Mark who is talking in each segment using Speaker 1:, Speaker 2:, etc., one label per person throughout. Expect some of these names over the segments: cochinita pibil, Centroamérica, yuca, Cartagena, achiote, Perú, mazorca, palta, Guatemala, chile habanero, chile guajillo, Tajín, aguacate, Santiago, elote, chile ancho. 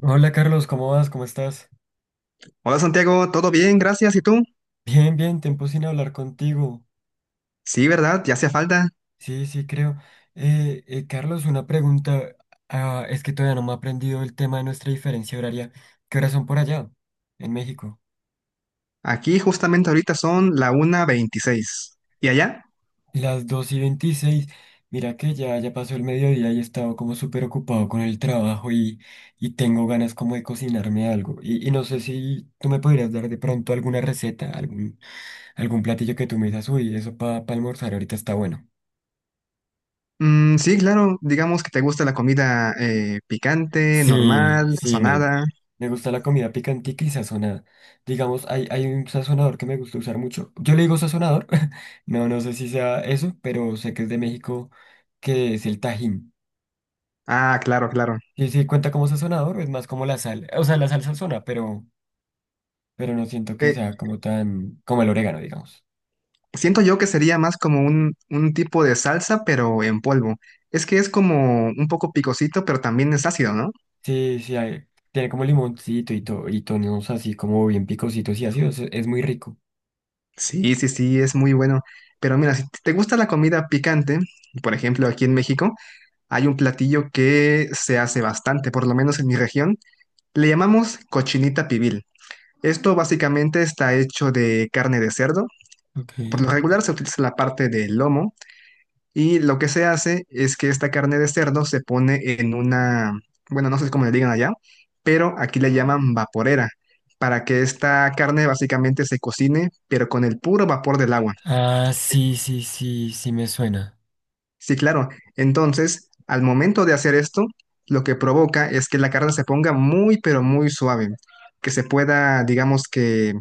Speaker 1: Hola Carlos, ¿cómo vas? ¿Cómo estás?
Speaker 2: Hola Santiago, ¿todo bien? Gracias. ¿Y tú?
Speaker 1: Bien, bien, tiempo sin hablar contigo.
Speaker 2: Sí, ¿verdad? Ya hacía falta.
Speaker 1: Sí, sí, creo. Carlos, una pregunta. Ah, es que todavía no me he aprendido el tema de nuestra diferencia horaria. ¿Qué horas son por allá, en México?
Speaker 2: Aquí justamente ahorita son la 1:26. ¿Y allá?
Speaker 1: Las dos y 26. Mira que ya pasó el mediodía y he estado como súper ocupado con el trabajo y tengo ganas como de cocinarme algo. Y no sé si tú me podrías dar de pronto alguna receta, algún platillo que tú me digas, uy, eso para almorzar ahorita está bueno.
Speaker 2: Mm, sí, claro. Digamos que te gusta la comida picante,
Speaker 1: Sí,
Speaker 2: normal,
Speaker 1: sí,
Speaker 2: sazonada.
Speaker 1: me gusta la comida picantica y sazonada. Digamos, hay un sazonador que me gusta usar mucho. Yo le digo sazonador, no sé si sea eso, pero sé que es de México, que es el Tajín.
Speaker 2: Ah, claro, claro.
Speaker 1: Sí, sí, cuenta como sazonador, es más como la sal. O sea, la sal sazona, pero no siento que
Speaker 2: Eh,
Speaker 1: sea como tan, como el orégano, digamos.
Speaker 2: Siento yo que sería más como un tipo de salsa, pero en polvo. Es que es como un poco picosito, pero también es ácido, ¿no?
Speaker 1: Sí, sí, tiene como limoncito y, y tonos así como bien picositos y ácidos, es muy rico.
Speaker 2: Sí, sí, sí, es muy bueno. Pero mira, si te gusta la comida picante, por ejemplo, aquí en México, hay un platillo que se hace bastante, por lo menos en mi región. Le llamamos cochinita pibil. Esto básicamente está hecho de carne de cerdo.
Speaker 1: Ok.
Speaker 2: Por lo regular se utiliza la parte del lomo y lo que se hace es que esta carne de cerdo se pone en una, bueno, no sé cómo le digan allá, pero aquí le llaman vaporera, para que esta carne básicamente se cocine, pero con el puro vapor del agua.
Speaker 1: Ah, sí, sí, sí, sí me suena.
Speaker 2: Sí, claro. Entonces, al momento de hacer esto, lo que provoca es que la carne se ponga muy, pero muy suave, que se pueda, digamos que,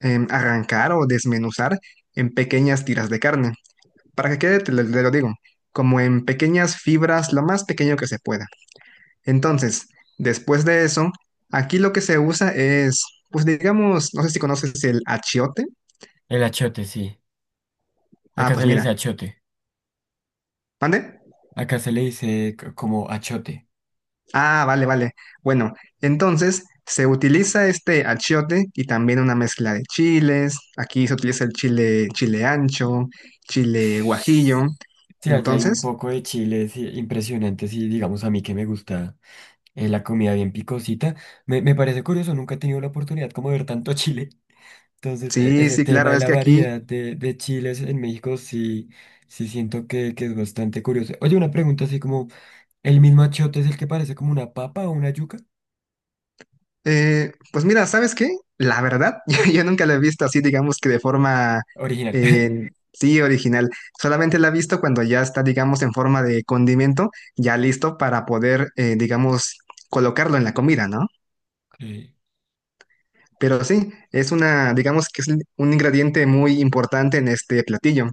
Speaker 2: arrancar o desmenuzar en pequeñas tiras de carne. Para que quede, te lo digo, como en pequeñas fibras, lo más pequeño que se pueda. Entonces, después de eso, aquí lo que se usa es, pues digamos, no sé si conoces el achiote.
Speaker 1: El achiote, sí.
Speaker 2: Ah,
Speaker 1: Acá se
Speaker 2: pues
Speaker 1: le
Speaker 2: mira,
Speaker 1: dice achote.
Speaker 2: ¿mande?
Speaker 1: Acá se le dice como achote.
Speaker 2: Ah, vale, vale. Bueno, entonces se utiliza este achiote y también una mezcla de chiles. Aquí se utiliza el chile ancho, chile guajillo.
Speaker 1: Sí, allá hay un
Speaker 2: Entonces,
Speaker 1: poco de chiles impresionantes y digamos a mí que me gusta la comida bien picosita. Me parece curioso, nunca he tenido la oportunidad como de ver tanto chile. Entonces,
Speaker 2: sí,
Speaker 1: ese
Speaker 2: sí,
Speaker 1: tema
Speaker 2: claro,
Speaker 1: de
Speaker 2: es
Speaker 1: la
Speaker 2: que aquí,
Speaker 1: variedad de chiles en México sí, sí siento que es bastante curioso. Oye, una pregunta así como, ¿el mismo achote es el que parece como una papa o una yuca?
Speaker 2: pues mira, ¿sabes qué? La verdad, yo nunca la he visto así, digamos que de forma,
Speaker 1: Original.
Speaker 2: sí, original. Solamente la he visto cuando ya está, digamos, en forma de condimento, ya listo para poder, digamos, colocarlo en la comida, ¿no?
Speaker 1: Ok.
Speaker 2: Pero sí, es una, digamos que es un ingrediente muy importante en este platillo.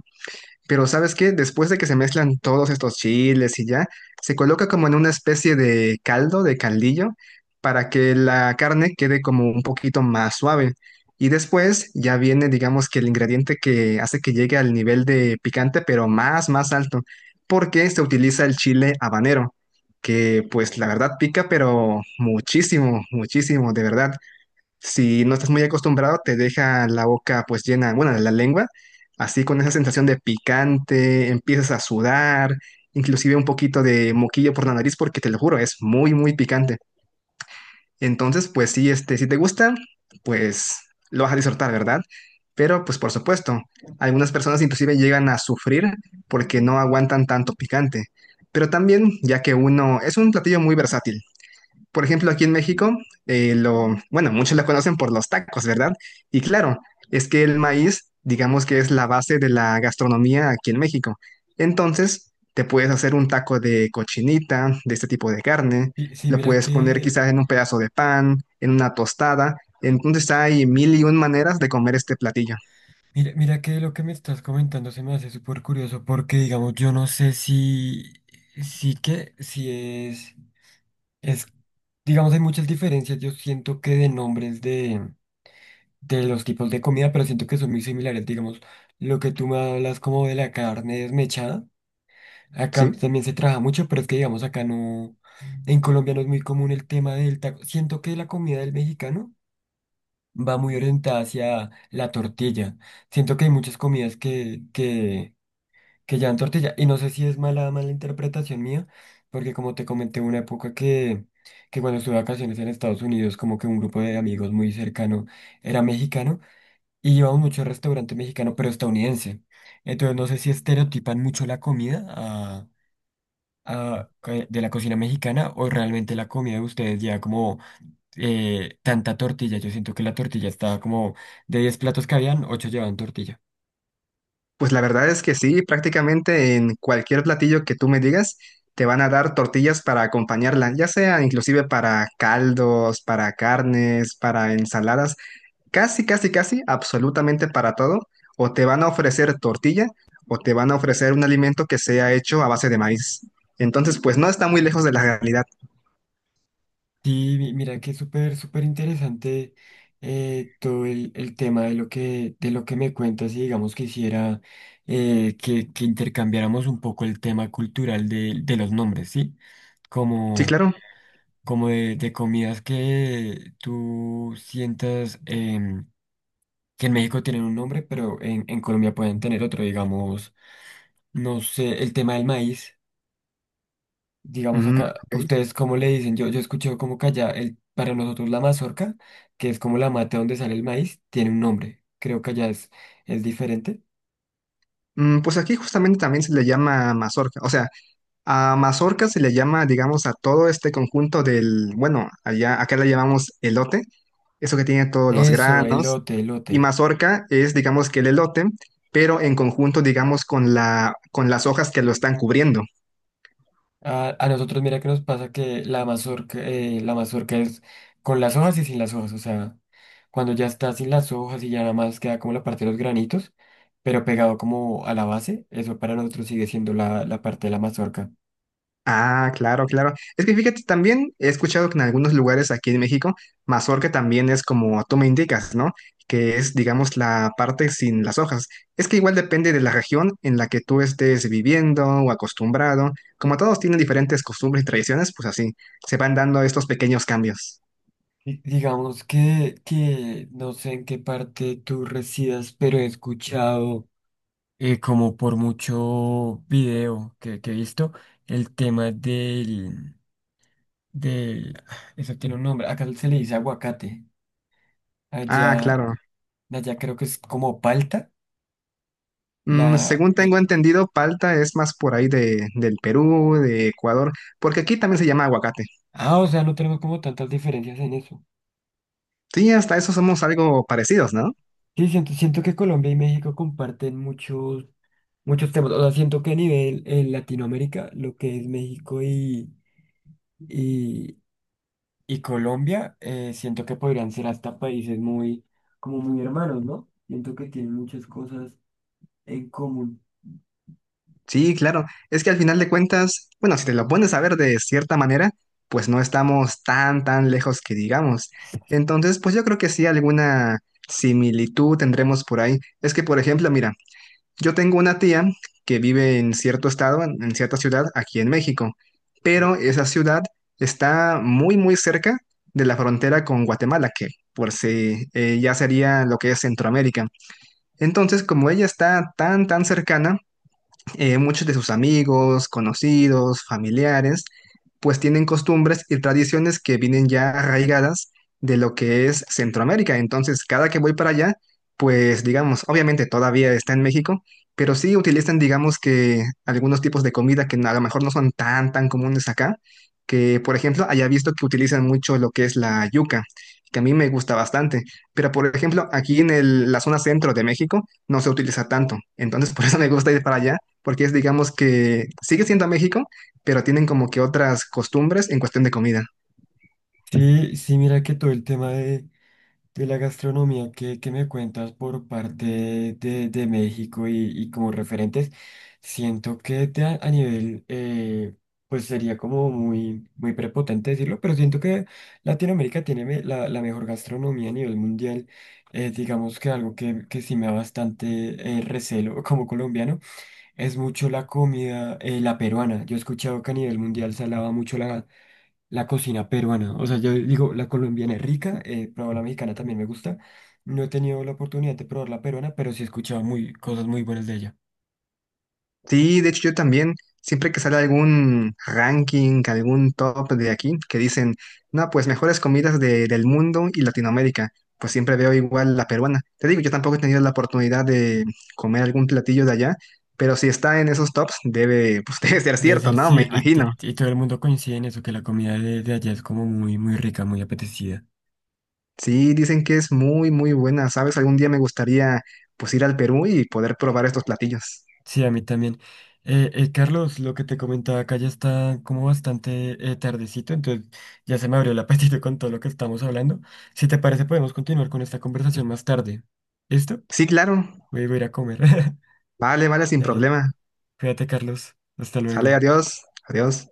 Speaker 2: Pero ¿sabes qué? Después de que se mezclan todos estos chiles y ya, se coloca como en una especie de caldo, de caldillo, para que la carne quede como un poquito más suave. Y después ya viene, digamos que el ingrediente que hace que llegue al nivel de picante, pero más, más alto, porque se utiliza el chile habanero, que pues la verdad pica, pero muchísimo, muchísimo, de verdad. Si no estás muy acostumbrado, te deja la boca pues llena, bueno, la lengua, así con esa sensación de picante, empiezas a sudar, inclusive un poquito de moquillo por la nariz, porque te lo juro, es muy, muy picante. Entonces, pues sí, este, si te gusta, pues lo vas a disfrutar, ¿verdad? Pero pues por supuesto, algunas personas inclusive llegan a sufrir porque no aguantan tanto picante. Pero también, ya que uno es un platillo muy versátil. Por ejemplo, aquí en México, bueno, muchos la conocen por los tacos, ¿verdad? Y claro, es que el maíz, digamos que es la base de la gastronomía aquí en México. Entonces, te puedes hacer un taco de cochinita, de este tipo de carne,
Speaker 1: Sí, sí,
Speaker 2: lo
Speaker 1: mira
Speaker 2: puedes poner
Speaker 1: que...
Speaker 2: quizás en un pedazo de pan, en una tostada. Entonces, hay mil y un maneras de comer este platillo,
Speaker 1: Mira, mira que lo que me estás comentando se me hace súper curioso porque, digamos, yo no sé si es, es, digamos, hay muchas diferencias. Yo siento que de nombres de los tipos de comida, pero siento que son muy similares. Digamos, lo que tú me hablas como de la carne desmechada, acá
Speaker 2: ¿sí?
Speaker 1: también se trabaja mucho, pero es que, digamos, acá no, en Colombia no es muy común el tema del taco. Siento que la comida del mexicano va muy orientada hacia la tortilla. Siento que hay muchas comidas que llevan tortilla. Y no sé si es mala interpretación mía, porque como te comenté, hubo una época que cuando estuve de vacaciones en Estados Unidos, como que un grupo de amigos muy cercano era mexicano y íbamos mucho al restaurante mexicano, pero estadounidense. Entonces no sé si estereotipan mucho la comida de la cocina mexicana o realmente la comida de ustedes ya como tanta tortilla. Yo siento que la tortilla estaba como de 10 platos que habían, 8 llevaban tortilla.
Speaker 2: Pues la verdad es que sí, prácticamente en cualquier platillo que tú me digas, te van a dar tortillas para acompañarla, ya sea inclusive para caldos, para carnes, para ensaladas, casi, casi, casi, absolutamente para todo. O te van a ofrecer tortilla o te van a ofrecer un alimento que sea hecho a base de maíz. Entonces, pues no está muy lejos de la realidad.
Speaker 1: Sí, mira que es súper, súper interesante todo el tema de lo de lo que me cuentas y digamos quisiera que intercambiáramos un poco el tema cultural de los nombres, ¿sí?
Speaker 2: Sí,
Speaker 1: Como,
Speaker 2: claro.
Speaker 1: como de comidas que tú sientas que en México tienen un nombre, pero en Colombia pueden tener otro, digamos, no sé, el tema del maíz. Digamos
Speaker 2: Mm,
Speaker 1: acá,
Speaker 2: ok.
Speaker 1: ¿ustedes cómo le dicen? Yo escuché como que allá, para nosotros la mazorca, que es como la mata donde sale el maíz, tiene un nombre. Creo que allá es diferente.
Speaker 2: Mm, pues aquí justamente también se le llama mazorca. O sea, a mazorca se le llama, digamos, a todo este conjunto del, bueno, allá, acá le llamamos elote, eso que tiene todos los
Speaker 1: Eso,
Speaker 2: granos,
Speaker 1: elote,
Speaker 2: y
Speaker 1: elote.
Speaker 2: mazorca es, digamos, que el elote, pero en conjunto, digamos, con la, con las hojas que lo están cubriendo.
Speaker 1: A nosotros mira que nos pasa que la mazorca es con las hojas y sin las hojas. O sea, cuando ya está sin las hojas y ya nada más queda como la parte de los granitos, pero pegado como a la base, eso para nosotros sigue siendo la parte de la mazorca.
Speaker 2: Ah, claro, claro. Es que fíjate, también he escuchado que en algunos lugares aquí en México, mazorca también es como tú me indicas, ¿no? Que es, digamos, la parte sin las hojas. Es que igual depende de la región en la que tú estés viviendo o acostumbrado. Como todos tienen diferentes costumbres y tradiciones, pues así se van dando estos pequeños cambios.
Speaker 1: Digamos que no sé en qué parte tú residas, pero he escuchado como por mucho video que he visto el tema del... Eso tiene un nombre, acá se le dice aguacate.
Speaker 2: Ah,
Speaker 1: Allá,
Speaker 2: claro.
Speaker 1: allá creo que es como palta.
Speaker 2: Mm,
Speaker 1: La,
Speaker 2: según tengo
Speaker 1: eh,
Speaker 2: entendido, palta es más por ahí de, del Perú, de Ecuador, porque aquí también se llama aguacate.
Speaker 1: ah, o sea, no tenemos como tantas diferencias en eso.
Speaker 2: Sí, hasta eso somos algo parecidos, ¿no?
Speaker 1: Sí, siento que Colombia y México comparten muchos, muchos temas. O sea, siento que a nivel en Latinoamérica, lo que es México y... y, y Colombia, siento que podrían ser hasta países muy, como muy hermanos, ¿no? Siento que tienen muchas cosas en común.
Speaker 2: Sí, claro. Es que al final de cuentas, bueno, si te lo pones a ver de cierta manera, pues no estamos tan, tan lejos que digamos. Entonces, pues yo creo que sí, alguna similitud tendremos por ahí. Es que, por ejemplo, mira, yo tengo una tía que vive en cierto estado, en cierta ciudad, aquí en México, pero esa ciudad está muy, muy cerca de la frontera con Guatemala, que por si ya sería lo que es Centroamérica. Entonces, como ella está tan, tan cercana, muchos de sus amigos, conocidos, familiares, pues tienen costumbres y tradiciones que vienen ya arraigadas de lo que es Centroamérica. Entonces, cada que voy para allá, pues digamos, obviamente todavía está en México, pero sí utilizan, digamos que algunos tipos de comida que a lo mejor no son tan, tan comunes acá, que por ejemplo, haya visto que utilizan mucho lo que es la yuca, que a mí me gusta bastante, pero por ejemplo, aquí en la zona centro de México no se utiliza tanto, entonces por eso me gusta ir para allá porque es, digamos que sigue siendo México, pero tienen como que otras costumbres en cuestión de comida.
Speaker 1: Sí, sí, mira que todo el tema de la gastronomía que me cuentas por parte de México y como referentes, siento que a nivel, pues sería como muy, muy prepotente decirlo, pero siento que Latinoamérica tiene la mejor gastronomía a nivel mundial. Digamos que algo que sí me da bastante recelo como colombiano es mucho la comida, la peruana. Yo he escuchado que a nivel mundial se alaba mucho la cocina peruana. O sea, yo digo, la colombiana es rica, pero la mexicana también me gusta. No he tenido la oportunidad de probar la peruana, pero sí he escuchado cosas muy buenas de ella.
Speaker 2: Sí, de hecho yo también, siempre que sale algún ranking, algún top de aquí, que dicen, no, pues mejores comidas del mundo y Latinoamérica, pues siempre veo igual la peruana. Te digo, yo tampoco he tenido la oportunidad de comer algún platillo de allá, pero si está en esos tops, debe, pues debe ser
Speaker 1: Debe
Speaker 2: cierto,
Speaker 1: ser,
Speaker 2: ¿no? Me
Speaker 1: sí,
Speaker 2: imagino.
Speaker 1: y todo el mundo coincide en eso, que la comida de allá es como muy, muy rica, muy apetecida.
Speaker 2: Sí, dicen que es muy, muy buena. ¿Sabes? Algún día me gustaría pues ir al Perú y poder probar estos platillos.
Speaker 1: Sí, a mí también. Carlos, lo que te comentaba acá ya está como bastante tardecito, entonces ya se me abrió el apetito con todo lo que estamos hablando. Si te parece, podemos continuar con esta conversación más tarde. ¿Listo?
Speaker 2: Sí, claro.
Speaker 1: Voy a ir a comer.
Speaker 2: Vale, vale, sin
Speaker 1: Dale.
Speaker 2: problema.
Speaker 1: Cuídate, Carlos. Hasta
Speaker 2: Sale,
Speaker 1: luego.
Speaker 2: adiós, adiós.